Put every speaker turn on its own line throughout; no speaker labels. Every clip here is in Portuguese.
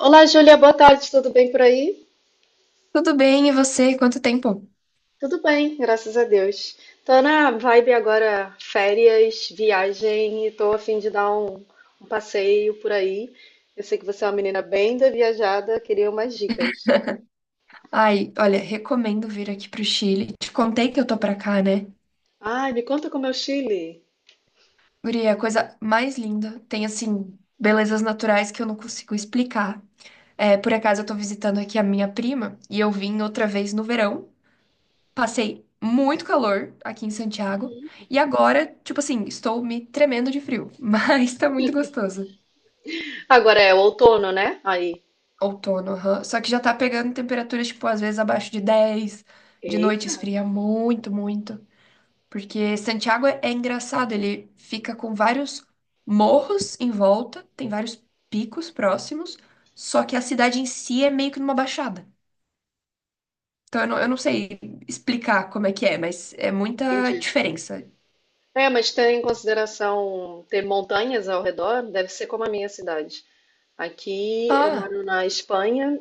Olá, Júlia, boa tarde, tudo bem por aí?
Tudo bem, e você? Quanto tempo?
Tudo bem, graças a Deus. Tô na vibe agora, férias, viagem, e tô a fim de dar um passeio por aí. Eu sei que você é uma menina bem da viajada, queria umas dicas.
Ai, olha, recomendo vir aqui pro Chile. Te contei que eu tô pra cá, né?
Ai, me conta como é o Chile.
Guria, a coisa mais linda. Tem, assim, belezas naturais que eu não consigo explicar. É, por acaso, eu tô visitando aqui a minha prima e eu vim outra vez no verão. Passei muito calor aqui em Santiago e agora, tipo assim, estou me tremendo de frio, mas tá muito gostoso.
Agora é o outono, né? Aí.
Outono, aham. Só que já tá pegando temperaturas, tipo, às vezes abaixo de 10, de noite
Eita,
esfria muito, muito. Porque Santiago é engraçado, ele fica com vários morros em volta, tem vários picos próximos, só que a cidade em si é meio que numa baixada. Então eu não sei explicar como é que é, mas é muita
entendi.
diferença.
É, mas tem em consideração ter montanhas ao redor? Deve ser como a minha cidade. Aqui eu
Ah,
moro na Espanha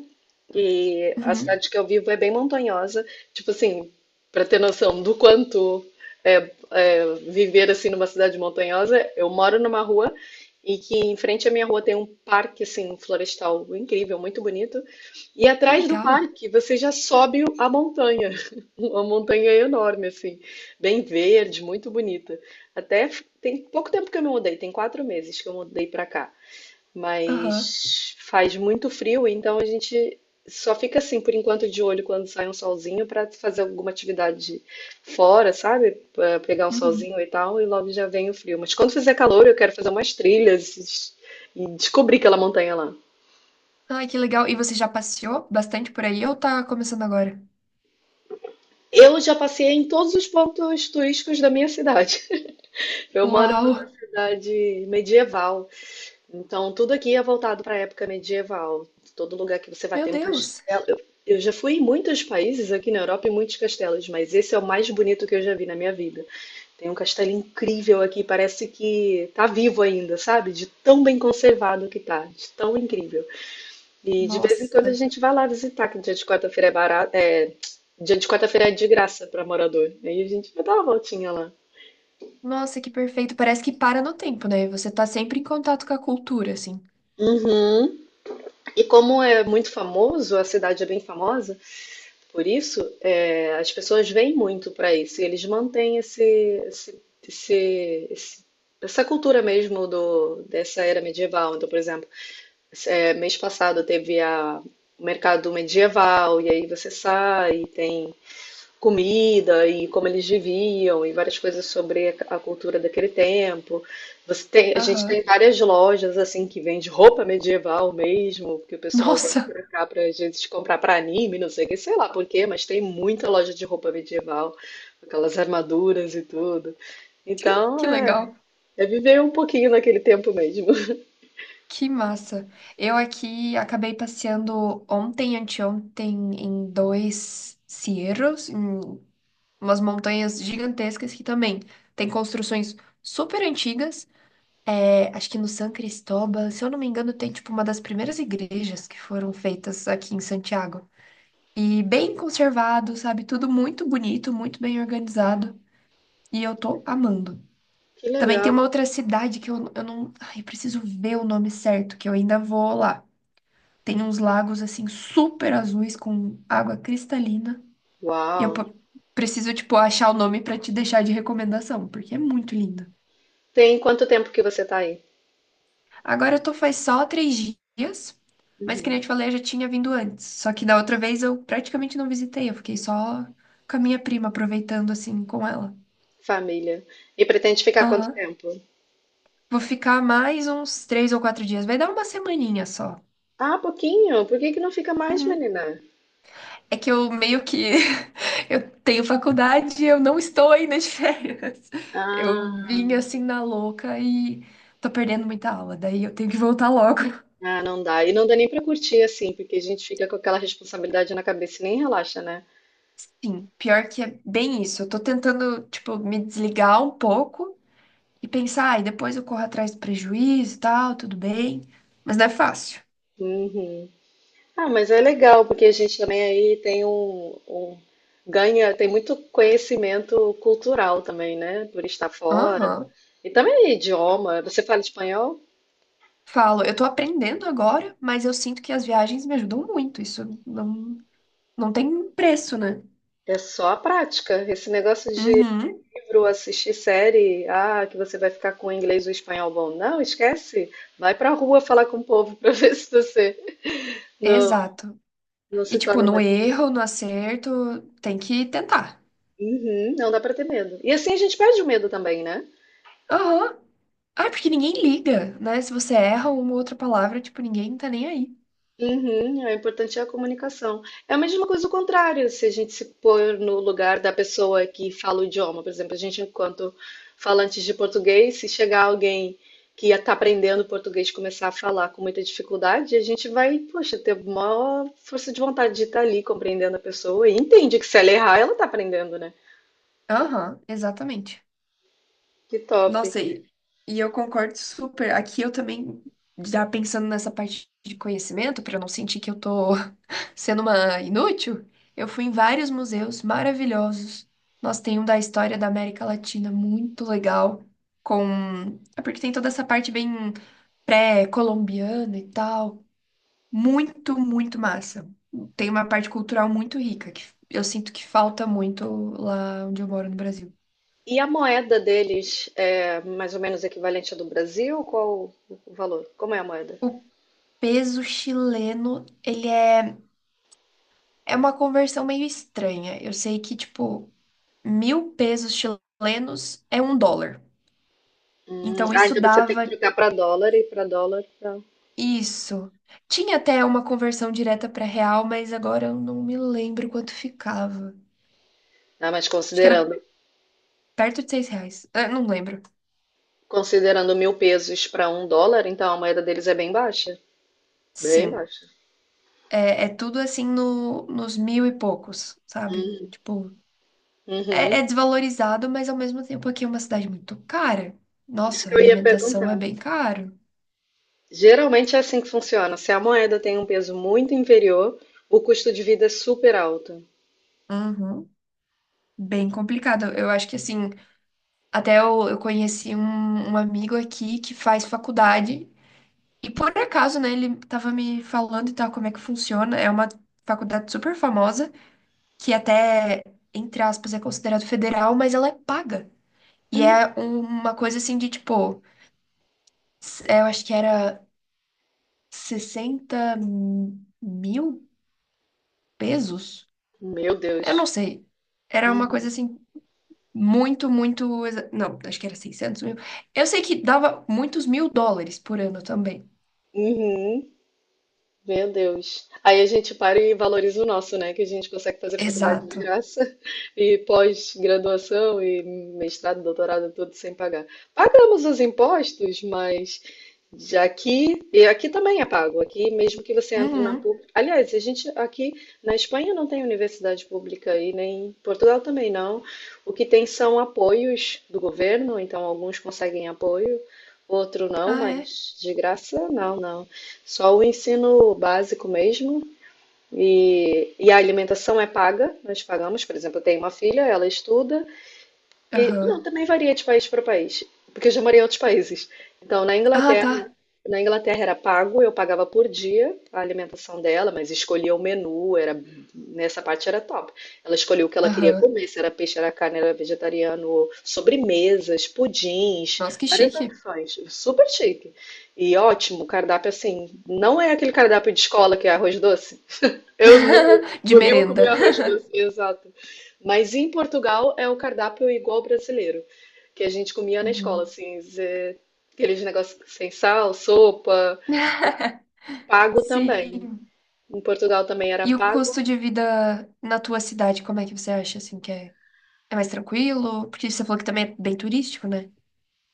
e a
uhum,
cidade que eu vivo é bem montanhosa. Tipo assim, para ter noção do quanto é viver assim numa cidade montanhosa, eu moro numa rua e que em frente à minha rua tem um parque assim florestal incrível, muito bonito. E
que
atrás do
legal.
parque você já sobe a montanha, uma montanha enorme assim, bem verde, muito bonita. Tem pouco tempo que eu me mudei, tem 4 meses que eu mudei para cá.
Aham.
Mas faz muito frio, então a gente só fica assim por enquanto de olho quando sai um solzinho para fazer alguma atividade fora, sabe? Pra pegar um
Uhum.
solzinho e tal, e logo já vem o frio. Mas quando fizer calor, eu quero fazer umas trilhas e descobrir aquela montanha lá.
Ai, que legal. E você já passeou bastante por aí ou tá começando agora?
Eu já passei em todos os pontos turísticos da minha cidade. Eu moro
Uau!
numa cidade medieval. Então, tudo aqui é voltado para a época medieval. Todo lugar que você vai
Meu
ter um
Deus!
castelo. Eu já fui em muitos países aqui na Europa e muitos castelos, mas esse é o mais bonito que eu já vi na minha vida. Tem um castelo incrível aqui, parece que tá vivo ainda, sabe? De tão bem conservado que tá, de tão incrível. E de vez em quando a
Nossa!
gente vai lá visitar, que dia de quarta-feira é barato, dia de quarta-feira é de graça para morador. Aí a gente vai dar uma voltinha lá.
Nossa, que perfeito. Parece que para no tempo, né? Você tá sempre em contato com a cultura, assim.
Uhum. E como é muito famoso, a cidade é bem famosa. Por isso, é, as pessoas vêm muito para isso, e eles mantêm esse- esse- esse- essa cultura mesmo dessa era medieval. Então, por exemplo, é, mês passado teve o mercado medieval, e aí você sai, tem comida e como eles viviam e várias coisas sobre a cultura daquele tempo. A gente tem
Aham.
várias lojas assim que vende roupa medieval mesmo, que o pessoal vem
Nossa,
pra cá para gente comprar para anime, não sei o que, sei lá por quê, mas tem muita loja de roupa medieval, aquelas armaduras e tudo. Então,
que
é,
legal.
é viver um pouquinho naquele tempo mesmo.
Que massa. Eu aqui acabei passeando ontem, anteontem, em dois cerros, em umas montanhas gigantescas que também tem construções super antigas. É, acho que no San Cristóbal, se eu não me engano, tem tipo uma das primeiras igrejas que foram feitas aqui em Santiago. E bem conservado, sabe? Tudo muito bonito, muito bem organizado. E eu tô amando.
Que
Também tem
legal.
uma outra cidade que eu não. Ai, eu preciso ver o nome certo, que eu ainda vou lá. Tem uns lagos assim super azuis com água cristalina. E
Uau.
preciso, tipo, achar o nome pra te deixar de recomendação, porque é muito linda.
Tem quanto tempo que você tá aí?
Agora eu tô faz só 3 dias, mas que nem eu te falei, eu já tinha vindo antes. Só que da outra vez eu praticamente não visitei, eu fiquei só com a minha prima, aproveitando assim com ela.
Família. E pretende ficar quanto
Aham.
tempo?
Vou ficar mais uns 3 ou 4 dias. Vai dar uma semaninha só.
Ah, pouquinho? Por que que não fica mais,
Uhum.
menina?
É que eu meio que eu tenho faculdade e eu não estou ainda de férias. Eu
Ah,
vim assim na louca e tô perdendo muita aula, daí eu tenho que voltar logo.
ah, não dá. E não dá nem pra curtir assim, porque a gente fica com aquela responsabilidade na cabeça e nem relaxa, né?
Sim, pior que é bem isso. Eu tô tentando, tipo, me desligar um pouco e pensar, ai, depois eu corro atrás do prejuízo e tal, tudo bem. Mas não é fácil.
Uhum. Ah, mas é legal, porque a gente também aí tem ganha, tem muito conhecimento cultural também, né? Por estar fora.
Aham.
E também idioma. Você fala espanhol?
Falo, eu tô aprendendo agora, mas eu sinto que as viagens me ajudam muito. Isso não tem preço, né?
É só a prática. Esse negócio de
Uhum,
livro, assistir série, ah, que você vai ficar com o inglês e o espanhol bom. Não, esquece. Vai pra rua falar com o povo pra ver se você não,
exato.
não
E,
se
tipo,
torna
no
mais.
erro, no acerto, tem que tentar.
Uhum, não dá pra ter medo. E assim a gente perde o medo também, né?
Aham. Ah, porque ninguém liga, né? Se você erra uma outra palavra, tipo, ninguém tá nem aí.
Uhum, é importante é a comunicação. É a mesma coisa o contrário, se a gente se pôr no lugar da pessoa que fala o idioma, por exemplo, a gente enquanto falantes de português, se chegar alguém que está aprendendo português e começar a falar com muita dificuldade, a gente vai, poxa, ter maior força de vontade de estar ali compreendendo a pessoa e entende que se ela errar, ela está aprendendo, né?
Aham, exatamente.
Que top.
Nossa, e eu concordo super. Aqui eu também, já pensando nessa parte de conhecimento, pra eu não sentir que eu tô sendo uma inútil, eu fui em vários museus maravilhosos. Nós tem um da história da América Latina muito legal, com... É porque tem toda essa parte bem pré-colombiana e tal. Muito, muito massa. Tem uma parte cultural muito rica, que eu sinto que falta muito lá onde eu moro no Brasil.
E a moeda deles é mais ou menos equivalente à do Brasil? Qual o valor? Como é a moeda?
O peso chileno, ele é... É uma conversão meio estranha. Eu sei que, tipo, 1.000 pesos chilenos é um dólar. Então
Ah,
isso
então você tem que
dava
trocar para dólar e para dólar pra...
isso. Tinha até uma conversão direta para real, mas agora eu não me lembro quanto ficava.
Ah, mas
Acho que era perto de 6 reais. Ah, não lembro.
considerando 1.000 pesos para 1 dólar, então a moeda deles é bem baixa. Bem
Sim.
baixa.
É tudo assim no, nos mil e poucos, sabe?
Hum,
Tipo,
uhum.
é desvalorizado, mas ao mesmo tempo aqui é uma cidade muito cara.
Isso
Nossa,
que
a
eu ia
alimentação é
perguntar.
bem caro.
Geralmente é assim que funciona. Se a moeda tem um peso muito inferior, o custo de vida é super alto.
Uhum. Bem complicado. Eu acho que assim, até eu conheci um amigo aqui que faz faculdade. E por acaso, né, ele tava me falando e tal como é que funciona. É uma faculdade super famosa, que até, entre aspas, é considerado federal, mas ela é paga. E é uma coisa assim de tipo, é, eu acho que era 60.000 pesos?
Meu
Eu
Deus.
não sei. Era uma coisa
Uhum.
assim, muito, muito. Não, acho que era 600.000. Eu sei que dava muitos mil dólares por ano também.
Uhum. Meu Deus. Aí a gente para e valoriza o nosso, né? Que a gente consegue fazer faculdade de
Exato.
graça e pós-graduação e mestrado, doutorado, tudo sem pagar. Pagamos os impostos, mas já aqui, e aqui também é pago. Aqui, mesmo que você entre na
Uhum.
pública. Aliás, a gente aqui na Espanha não tem universidade pública e nem em Portugal também não. O que tem são apoios do governo, então alguns conseguem apoio, outro não,
Ah, é?
mas de graça, não, não. Só o ensino básico mesmo. E a alimentação é paga, nós pagamos. Por exemplo, eu tenho uma filha, ela estuda, e, não,
Aham.
também varia de país para país, porque eu já morei em outros países. Então,
Ah, tá.
Na Inglaterra era pago, eu pagava por dia a alimentação dela, mas escolhia o menu, era nessa parte era top. Ela escolhia o que ela queria
Aham.
comer, se era peixe, era carne, era vegetariano, sobremesas, pudins,
Nossa, que
várias
chique.
opções, super chique. E ótimo, cardápio assim, não é aquele cardápio de escola que é arroz doce, eu no,
De
no Rio eu
merenda.
comia arroz doce, exato. Mas em Portugal é o cardápio igual ao brasileiro, que a gente comia na escola,
Uhum.
assim, aqueles negócios sem sal, sopa, pago também.
Sim.
Em Portugal também era
E o
pago.
custo de vida na tua cidade, como é que você acha, assim, que é, é mais tranquilo? Porque você falou que também é bem turístico, né?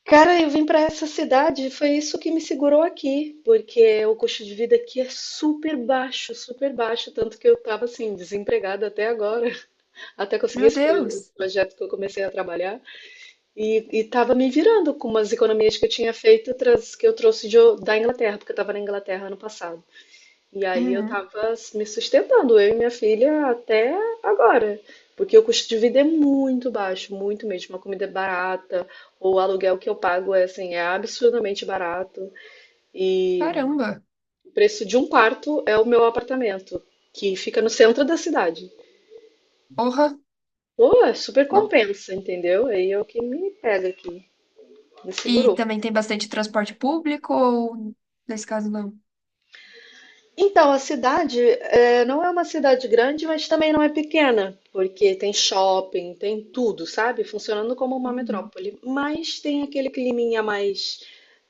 Cara, eu vim para essa cidade, foi isso que me segurou aqui, porque o custo de vida aqui é super baixo, tanto que eu tava assim desempregada até agora, até conseguir
Meu
esse
Deus!
projeto que eu comecei a trabalhar. E estava me virando com umas economias que eu tinha feito, que eu trouxe da Inglaterra, porque eu estava na Inglaterra ano passado. E aí eu
Uhum.
estava me sustentando, eu e minha filha, até agora. Porque o custo de vida é muito baixo, muito mesmo. A comida é barata, o aluguel que eu pago é, assim, é absurdamente barato. E
Caramba!
o preço de um quarto é o meu apartamento, que fica no centro da cidade.
Porra!
Pô, é super
Não.
compensa, entendeu? Aí é o que me pega aqui, me
E
segurou.
também tem bastante transporte público ou, nesse caso, não?
Então, a cidade, eh, não é uma cidade grande, mas também não é pequena, porque tem shopping, tem tudo, sabe? Funcionando como uma
Uhum.
metrópole. Mas tem aquele climinha mais,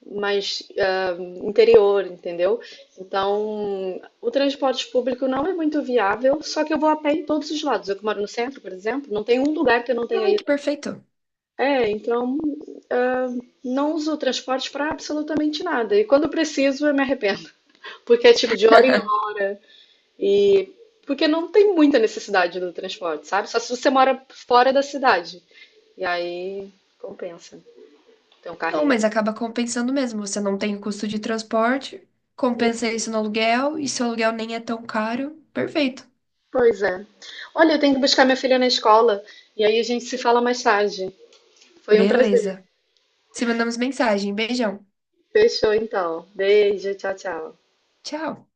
mais ah, interior, entendeu? Então, o transporte público não é muito viável, só que eu vou a pé em todos os lados. Eu que moro no centro, por exemplo, não tem um lugar que eu não tenha
Ai, que
ido.
perfeito!
É, então, ah, não uso o transporte para absolutamente nada. E quando preciso, eu me arrependo, porque é tipo de hora em hora. E porque não tem muita necessidade do transporte, sabe? Só se você mora fora da cidade. E aí compensa ter um
Não,
carrinho.
mas acaba compensando mesmo. Você não tem o custo de transporte, compensa isso no aluguel, e se o aluguel nem é tão caro, perfeito.
Pois é. Olha, eu tenho que buscar minha filha na escola. E aí a gente se fala mais tarde. Foi um prazer.
Beleza. Se mandamos mensagem. Beijão.
Fechou então. Beijo, tchau, tchau.
Tchau.